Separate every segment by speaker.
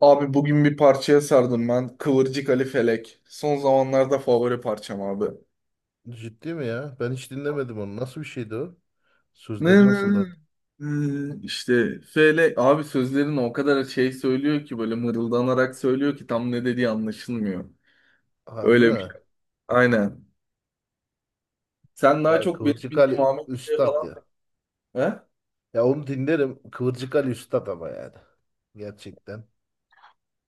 Speaker 1: Abi bugün bir parçaya sardım ben. Kıvırcık Ali Felek. Son zamanlarda favori parçam abi.
Speaker 2: Ciddi mi ya? Ben hiç dinlemedim onu. Nasıl bir şeydi o?
Speaker 1: Ne
Speaker 2: Sözleri
Speaker 1: ne ne.
Speaker 2: nasıldı?
Speaker 1: İşte Felek abi sözlerini o kadar şey söylüyor ki böyle mırıldanarak söylüyor ki tam ne dediği anlaşılmıyor.
Speaker 2: Harbi
Speaker 1: Öyle
Speaker 2: mi?
Speaker 1: bir, aynen. Sen daha
Speaker 2: Ha,
Speaker 1: çok benim
Speaker 2: Kıvırcık
Speaker 1: bildiğim
Speaker 2: Ali
Speaker 1: Ahmet Bey
Speaker 2: Üstad
Speaker 1: falan.
Speaker 2: ya.
Speaker 1: He?
Speaker 2: Ya onu dinlerim. Kıvırcık Ali Üstad ama yani. Gerçekten.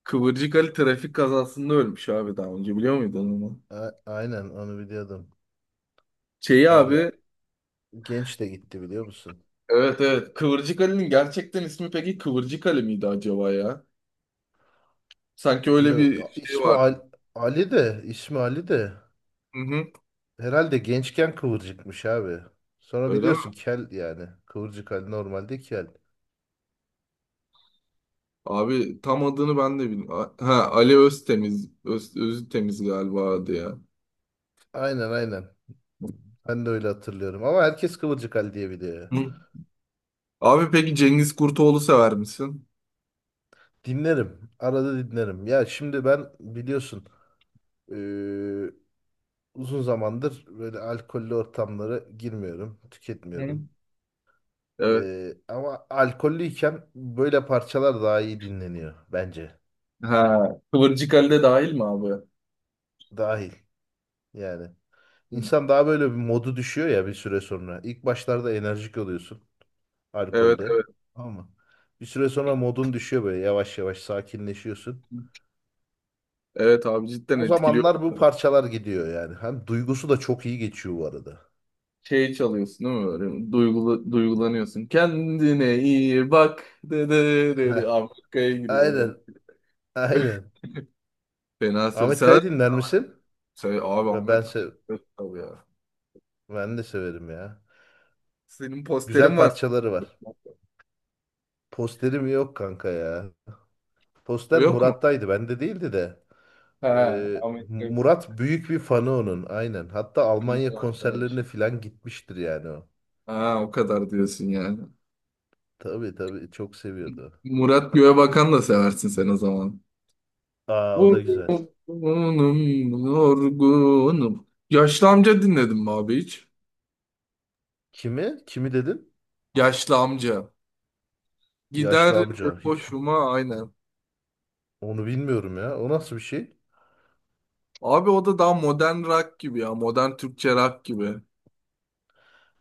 Speaker 1: Kıvırcık Ali trafik kazasında ölmüş abi, daha önce biliyor muydun onu?
Speaker 2: Aynen onu biliyordum.
Speaker 1: Şeyi
Speaker 2: Var ya,
Speaker 1: abi,
Speaker 2: genç de gitti biliyor musun?
Speaker 1: evet evet, Kıvırcık Ali'nin gerçekten ismi peki Kıvırcık Ali miydi acaba ya? Sanki öyle
Speaker 2: Yo, ya
Speaker 1: bir şey
Speaker 2: ismi
Speaker 1: vardı.
Speaker 2: Ali, Ali de ismi Ali de
Speaker 1: Hı hı.
Speaker 2: herhalde gençken kıvırcıkmış abi. Sonra
Speaker 1: Öyle mi?
Speaker 2: biliyorsun kel yani. Kıvırcık Ali normalde kel.
Speaker 1: Abi tam adını ben de bilmiyorum. Ha, Ali Öztemiz. Öztemiz galiba adı ya.
Speaker 2: Aynen. Ben de öyle hatırlıyorum. Ama herkes Kıvırcık Ali diye biliyor.
Speaker 1: Hı. Abi peki Cengiz Kurtoğlu sever misin?
Speaker 2: Dinlerim. Arada dinlerim. Ya şimdi ben biliyorsun eee, uzun zamandır böyle alkollü ortamlara girmiyorum, tüketmiyorum.
Speaker 1: Benim. Evet.
Speaker 2: Ama alkollüyken böyle parçalar daha iyi dinleniyor bence.
Speaker 1: Ha. Kıvırcık Ali de dahil mi abi? Hı.
Speaker 2: Dahil yani. İnsan daha böyle bir modu düşüyor ya bir süre sonra. İlk başlarda enerjik oluyorsun
Speaker 1: Evet
Speaker 2: alkolde.
Speaker 1: evet.
Speaker 2: Ama bir süre sonra modun düşüyor böyle yavaş yavaş sakinleşiyorsun.
Speaker 1: Evet abi cidden
Speaker 2: O
Speaker 1: etkiliyor.
Speaker 2: zamanlar bu parçalar gidiyor yani. Hem duygusu da çok iyi geçiyor bu arada.
Speaker 1: Şey çalıyorsun değil mi böyle? Duygulu, duygulanıyorsun. Kendine iyi bak. De, de, de, de.
Speaker 2: Heh,
Speaker 1: Abi Kaya giriyor böyle.
Speaker 2: aynen, aynen.
Speaker 1: Fena sarı
Speaker 2: Ahmet
Speaker 1: sever.
Speaker 2: Kaya dinler misin?
Speaker 1: Sever. Abi
Speaker 2: Ve ben
Speaker 1: Ahmet
Speaker 2: se
Speaker 1: Kaya. Tabii ya.
Speaker 2: Ben de severim ya.
Speaker 1: Senin
Speaker 2: Güzel
Speaker 1: posterin var.
Speaker 2: parçaları var. Posterim yok kanka ya. Poster
Speaker 1: Yok mu?
Speaker 2: Murat'taydı, bende değildi de.
Speaker 1: Ha,
Speaker 2: Ee,
Speaker 1: Amerika'yı
Speaker 2: Murat büyük bir fanı onun, aynen. Hatta
Speaker 1: bir
Speaker 2: Almanya
Speaker 1: arkadaş.
Speaker 2: konserlerine falan gitmiştir yani o.
Speaker 1: Ha, o kadar diyorsun yani.
Speaker 2: Tabii tabii, çok seviyordu.
Speaker 1: Murat Göğebakan da seversin sen o zaman.
Speaker 2: Aa, o da güzel.
Speaker 1: Vurgunum, yorgunum. Yaşlı amca dinledim mi abi hiç?
Speaker 2: Kimi? Kimi dedin?
Speaker 1: Yaşlı amca.
Speaker 2: Yaşlı
Speaker 1: Gider
Speaker 2: amca. Hiç
Speaker 1: boşuma, aynen.
Speaker 2: onu bilmiyorum ya. O nasıl bir şey?
Speaker 1: Abi o da daha modern rock gibi ya. Modern Türkçe rock gibi.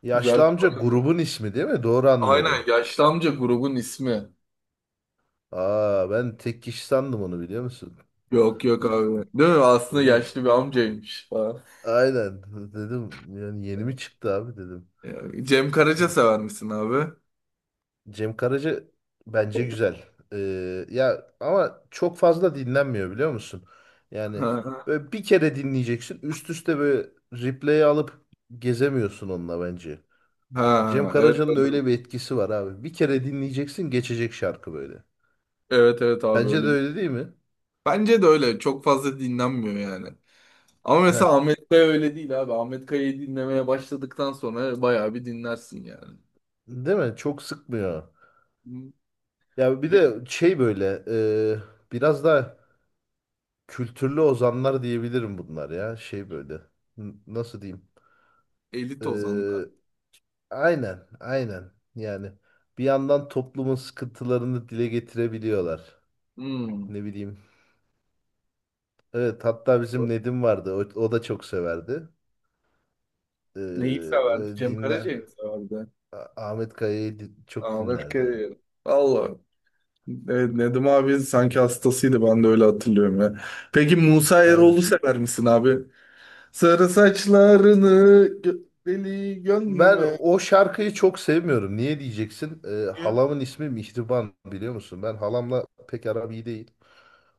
Speaker 2: Yaşlı
Speaker 1: Güzel.
Speaker 2: amca grubun ismi değil mi? Doğru
Speaker 1: Aynen,
Speaker 2: anlıyorum.
Speaker 1: yaşlı amca grubun ismi.
Speaker 2: Aa, ben tek kişi sandım onu biliyor musun?
Speaker 1: Yok yok abi. Değil mi? Aslında
Speaker 2: Dedim
Speaker 1: yaşlı bir amcaymış falan.
Speaker 2: aynen dedim yani yeni mi çıktı abi dedim.
Speaker 1: Ya, Cem Karaca sever misin abi?
Speaker 2: Cem Karaca bence güzel. Ya ama çok fazla dinlenmiyor biliyor musun? Yani
Speaker 1: Ha,
Speaker 2: böyle bir kere dinleyeceksin üst üste böyle replay'i alıp gezemiyorsun onunla bence. Cem
Speaker 1: ha, evet
Speaker 2: Karaca'nın
Speaker 1: öyle.
Speaker 2: öyle bir etkisi var abi. Bir kere dinleyeceksin geçecek şarkı böyle.
Speaker 1: Evet evet abi
Speaker 2: Bence de
Speaker 1: öyle bir.
Speaker 2: öyle değil mi?
Speaker 1: Bence de öyle. Çok fazla dinlenmiyor yani. Ama
Speaker 2: Heh,
Speaker 1: mesela Ahmet Kaya öyle değil abi. Ahmet Kaya'yı dinlemeye başladıktan sonra bayağı bir dinlersin yani.
Speaker 2: değil mi? Çok sıkmıyor.
Speaker 1: Hmm,
Speaker 2: Ya bir
Speaker 1: Pek
Speaker 2: de şey böyle biraz da kültürlü ozanlar diyebilirim bunlar ya. Şey böyle nasıl diyeyim?
Speaker 1: elit ozanlar.
Speaker 2: E, aynen yani, bir yandan toplumun sıkıntılarını dile getirebiliyorlar.
Speaker 1: Hmm.
Speaker 2: Ne bileyim. Evet, hatta bizim Nedim vardı, o da çok severdi. E,
Speaker 1: Neyi severdi?
Speaker 2: böyle
Speaker 1: Cem
Speaker 2: dinler.
Speaker 1: Karaca'yı mı severdi?
Speaker 2: Ahmet Kaya'yı çok
Speaker 1: Ahmet
Speaker 2: dinlerdi o.
Speaker 1: Kaya'yı. Allah. Evet, Nedim abi sanki hastasıydı, ben de öyle hatırlıyorum ya. Peki Musa
Speaker 2: Aynen.
Speaker 1: Eroğlu sever misin abi? Sarı saçlarını gö deli
Speaker 2: Ben
Speaker 1: gönlüme.
Speaker 2: o şarkıyı çok sevmiyorum. Niye diyeceksin? Halamın ismi Mihriban biliyor musun? Ben halamla pek aram iyi değil.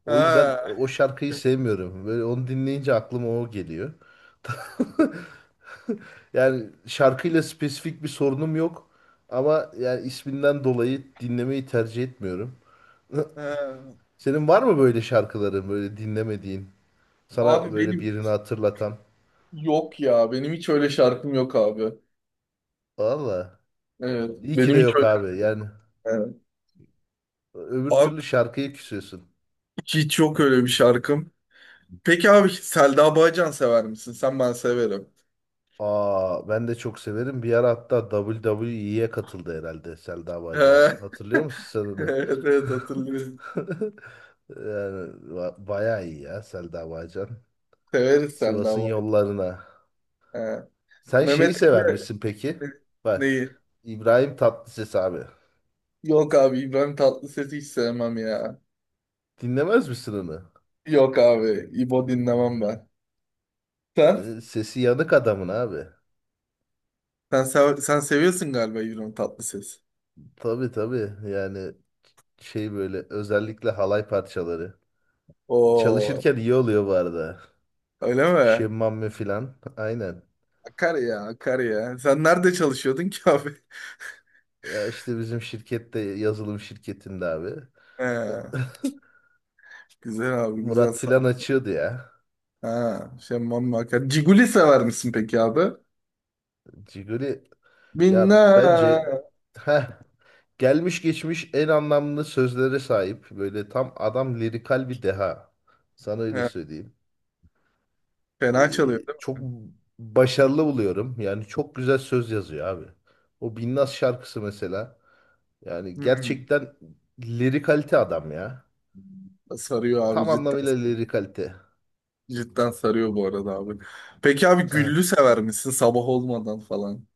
Speaker 2: O yüzden o
Speaker 1: Ha,
Speaker 2: şarkıyı sevmiyorum. Böyle onu dinleyince aklıma o geliyor. Yani şarkıyla spesifik bir sorunum yok. Ama yani isminden dolayı dinlemeyi tercih etmiyorum.
Speaker 1: ha.
Speaker 2: Senin var mı böyle şarkıların böyle dinlemediğin? Sana
Speaker 1: Abi
Speaker 2: böyle
Speaker 1: benim
Speaker 2: birini hatırlatan?
Speaker 1: yok ya. Benim hiç öyle şarkım yok abi.
Speaker 2: Valla.
Speaker 1: Evet.
Speaker 2: İyi ki
Speaker 1: Benim
Speaker 2: de
Speaker 1: hiç
Speaker 2: yok
Speaker 1: öyle.
Speaker 2: abi. Yani
Speaker 1: Evet.
Speaker 2: öbür
Speaker 1: Abi
Speaker 2: türlü şarkıyı küsüyorsun.
Speaker 1: hiç yok öyle bir şarkım. Peki abi Selda Bağcan sever misin? Sen ben severim.
Speaker 2: Aa, ben de çok severim. Bir ara hatta WWE'ye katıldı herhalde Selda
Speaker 1: Ha,
Speaker 2: Bağcan. Hatırlıyor musun sen onu?
Speaker 1: evet evet hatırlıyorum.
Speaker 2: Yani bayağı iyi ya Selda Bağcan.
Speaker 1: Severiz Selda
Speaker 2: Sivas'ın
Speaker 1: Bağcan.
Speaker 2: yollarına.
Speaker 1: Ha.
Speaker 2: Sen şeyi
Speaker 1: Mehmet
Speaker 2: sever
Speaker 1: Emre,
Speaker 2: misin peki? Bak,
Speaker 1: neyi?
Speaker 2: İbrahim Tatlıses abi.
Speaker 1: Yok abi, İbrahim Tatlıses'i hiç sevmem ya.
Speaker 2: Dinlemez misin onu?
Speaker 1: Yok abi, İbo dinlemem ben. Sen?
Speaker 2: Sesi yanık adamın abi.
Speaker 1: Sen, sen seviyorsun galiba İbrahim Tatlıses.
Speaker 2: Tabii tabii, yani şey böyle özellikle halay parçaları.
Speaker 1: Oo,
Speaker 2: Çalışırken iyi oluyor bu arada.
Speaker 1: öyle mi?
Speaker 2: Şemmame filan. Aynen.
Speaker 1: Akar ya, akar ya. Sen nerede çalışıyordun ki abi?
Speaker 2: Ya işte bizim şirkette, yazılım şirketinde abi.
Speaker 1: He,
Speaker 2: E,
Speaker 1: güzel abi, güzel,
Speaker 2: Murat
Speaker 1: sağ
Speaker 2: filan
Speaker 1: ol.
Speaker 2: açıyordu ya.
Speaker 1: Ha, şemmam akar. Ciguli sever misin peki abi?
Speaker 2: Ciguli ya
Speaker 1: Binna.
Speaker 2: bence heh, gelmiş geçmiş en anlamlı sözlere sahip. Böyle tam adam lirikal bir deha. Sana öyle
Speaker 1: He,
Speaker 2: söyleyeyim.
Speaker 1: fena çalıyor değil
Speaker 2: Çok
Speaker 1: mi?
Speaker 2: başarılı buluyorum. Yani çok güzel söz yazıyor abi. O Binnaz şarkısı mesela. Yani
Speaker 1: Hmm,
Speaker 2: gerçekten lirikalite adam ya.
Speaker 1: sarıyor abi,
Speaker 2: Tam
Speaker 1: cidden
Speaker 2: anlamıyla
Speaker 1: sarıyor.
Speaker 2: lirikalite.
Speaker 1: Cidden sarıyor bu arada abi. Peki abi güllü sever misin sabah olmadan falan?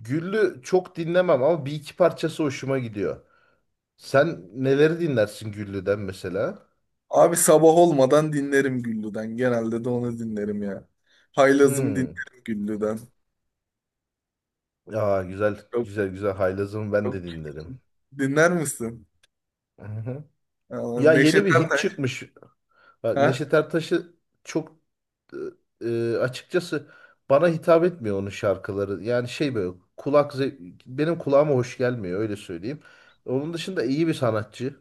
Speaker 2: Güllü çok dinlemem ama bir iki parçası hoşuma gidiyor. Sen neleri dinlersin Güllü'den mesela?
Speaker 1: Abi sabah olmadan dinlerim güllüden. Genelde de onu dinlerim ya. Haylazım
Speaker 2: Hmm.
Speaker 1: dinlerim güllüden.
Speaker 2: Aa, güzel
Speaker 1: Çok
Speaker 2: güzel güzel Haylaz'ım ben
Speaker 1: çok
Speaker 2: de dinlerim.
Speaker 1: dinler misin?
Speaker 2: Hı hı.
Speaker 1: Aa,
Speaker 2: Ya yeni
Speaker 1: Neşet
Speaker 2: bir hit
Speaker 1: Ertaş.
Speaker 2: çıkmış. Bak,
Speaker 1: Ha?
Speaker 2: Neşet Ertaş'ı çok açıkçası bana hitap etmiyor onun şarkıları. Yani şey böyle benim kulağıma hoş gelmiyor, öyle söyleyeyim. Onun dışında iyi bir sanatçı.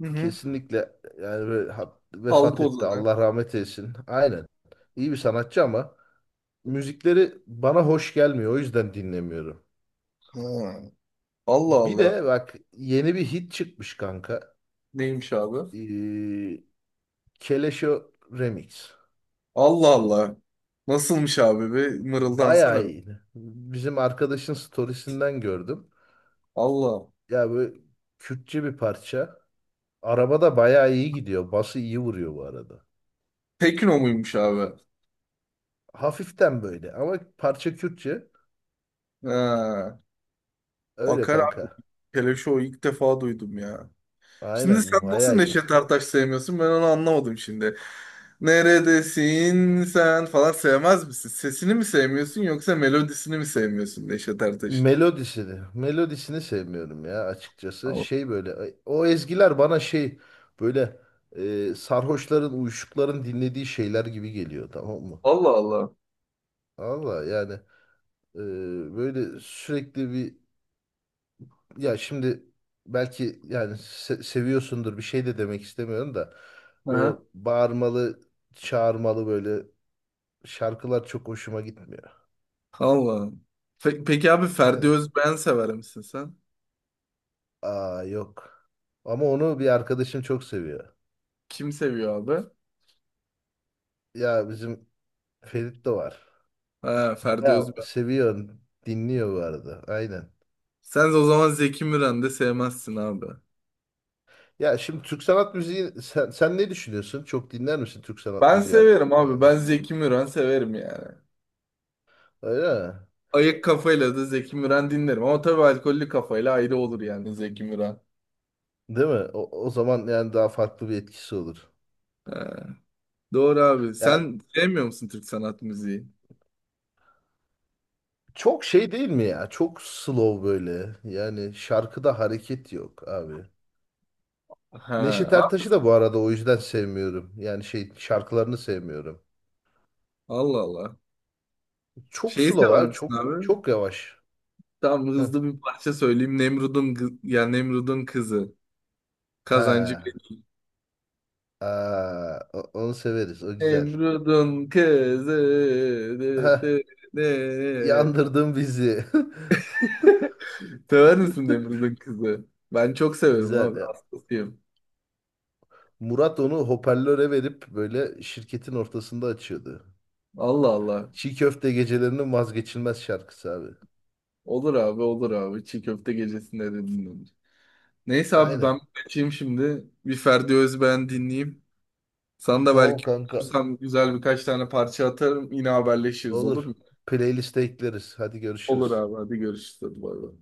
Speaker 1: Hı hı.
Speaker 2: Kesinlikle yani
Speaker 1: Halk
Speaker 2: vefat etti.
Speaker 1: ozanı.
Speaker 2: Allah rahmet eylesin. Aynen. İyi bir sanatçı ama müzikleri bana hoş gelmiyor. O yüzden dinlemiyorum.
Speaker 1: Ha. Allah
Speaker 2: Bir
Speaker 1: Allah.
Speaker 2: de bak, yeni bir hit çıkmış kanka.
Speaker 1: Neymiş abi?
Speaker 2: Ee, Keleşo Remix.
Speaker 1: Allah Allah. Nasılmış abi? Bir mırıldansana
Speaker 2: Bayağı
Speaker 1: bir.
Speaker 2: iyi. Bizim arkadaşın storiesinden gördüm.
Speaker 1: Allah.
Speaker 2: Ya böyle Kürtçe bir parça. Arabada bayağı iyi gidiyor. Bası iyi vuruyor bu arada.
Speaker 1: Tekno muymuş abi?
Speaker 2: Hafiften böyle ama parça Kürtçe.
Speaker 1: Ha.
Speaker 2: Öyle
Speaker 1: Akar abi.
Speaker 2: kanka.
Speaker 1: Keleşo ilk defa duydum ya. Şimdi sen
Speaker 2: Aynen,
Speaker 1: nasıl
Speaker 2: bayağı iyi.
Speaker 1: Neşet Ertaş sevmiyorsun? Ben onu anlamadım şimdi. Neredesin sen falan sevmez misin? Sesini mi sevmiyorsun yoksa melodisini mi sevmiyorsun Neşet Ertaş'ın?
Speaker 2: Melodisini sevmiyorum ya açıkçası.
Speaker 1: Allah
Speaker 2: Şey böyle, o ezgiler bana şey böyle sarhoşların, uyuşukların dinlediği şeyler gibi geliyor, tamam mı?
Speaker 1: Allah.
Speaker 2: Valla yani e, böyle sürekli bir, ya şimdi belki yani seviyorsundur, bir şey de demek istemiyorum da böyle
Speaker 1: Aha.
Speaker 2: bağırmalı, çağırmalı böyle şarkılar çok hoşuma gitmiyor.
Speaker 1: Allah. Peki abi Ferdi
Speaker 2: Aynen.
Speaker 1: Özbeğen sever misin sen?
Speaker 2: Aa, yok. Ama onu bir arkadaşım çok seviyor.
Speaker 1: Kim seviyor abi?
Speaker 2: Ya bizim Ferit de var.
Speaker 1: Ha, Ferdi
Speaker 2: Bayağı
Speaker 1: Özbeğen.
Speaker 2: seviyor, dinliyor bu arada. Aynen.
Speaker 1: Sen de o zaman Zeki Müren de sevmezsin abi.
Speaker 2: Ya şimdi Türk sanat müziği, sen ne düşünüyorsun? Çok dinler misin Türk sanat
Speaker 1: Ben
Speaker 2: müziği?
Speaker 1: severim abi.
Speaker 2: Yani
Speaker 1: Ben Zeki Müren severim yani.
Speaker 2: öyle mi?
Speaker 1: Ayık kafayla da Zeki Müren dinlerim. Ama tabii alkollü kafayla ayrı olur yani Zeki Müren.
Speaker 2: Değil mi? O zaman yani daha farklı bir etkisi olur.
Speaker 1: Ha, doğru abi.
Speaker 2: Ya
Speaker 1: Sen sevmiyor musun Türk sanat müziği?
Speaker 2: çok şey değil mi ya? Çok slow böyle. Yani şarkıda hareket yok abi.
Speaker 1: Ha,
Speaker 2: Neşet
Speaker 1: a-
Speaker 2: Ertaş'ı da bu arada o yüzden sevmiyorum. Yani şey şarkılarını sevmiyorum.
Speaker 1: Allah Allah.
Speaker 2: Çok
Speaker 1: Şeyi
Speaker 2: slow
Speaker 1: sever
Speaker 2: abi.
Speaker 1: misin
Speaker 2: Çok
Speaker 1: abi?
Speaker 2: çok yavaş.
Speaker 1: Tam
Speaker 2: Heh.
Speaker 1: hızlı bir parça söyleyeyim. Nemrud'un kızı. Kazancı.
Speaker 2: He. Aa, onu severiz. O güzel.
Speaker 1: Emrud'un kızı. Dı,
Speaker 2: Heh,
Speaker 1: dı, dı.
Speaker 2: yandırdın bizi.
Speaker 1: Sever misin Nemrud'un kızı? Ben çok severim
Speaker 2: Güzel
Speaker 1: abi.
Speaker 2: ya.
Speaker 1: Hastasıyım.
Speaker 2: Murat onu hoparlöre verip böyle şirketin ortasında açıyordu.
Speaker 1: Allah Allah.
Speaker 2: Çiğ köfte gecelerinin vazgeçilmez şarkısı abi.
Speaker 1: Olur abi olur abi. Çiğ köfte gecesinde de dinlenir. Neyse abi
Speaker 2: Aynen.
Speaker 1: ben kaçayım şimdi. Bir Ferdi Özbeğen dinleyeyim. Sana da
Speaker 2: Tamam
Speaker 1: belki
Speaker 2: kanka.
Speaker 1: bulursam güzel birkaç tane parça atarım. Yine haberleşiriz olur
Speaker 2: Olur.
Speaker 1: mu?
Speaker 2: Playlist'e ekleriz. Hadi
Speaker 1: Olur
Speaker 2: görüşürüz.
Speaker 1: abi, hadi görüşürüz. Hadi bay bay.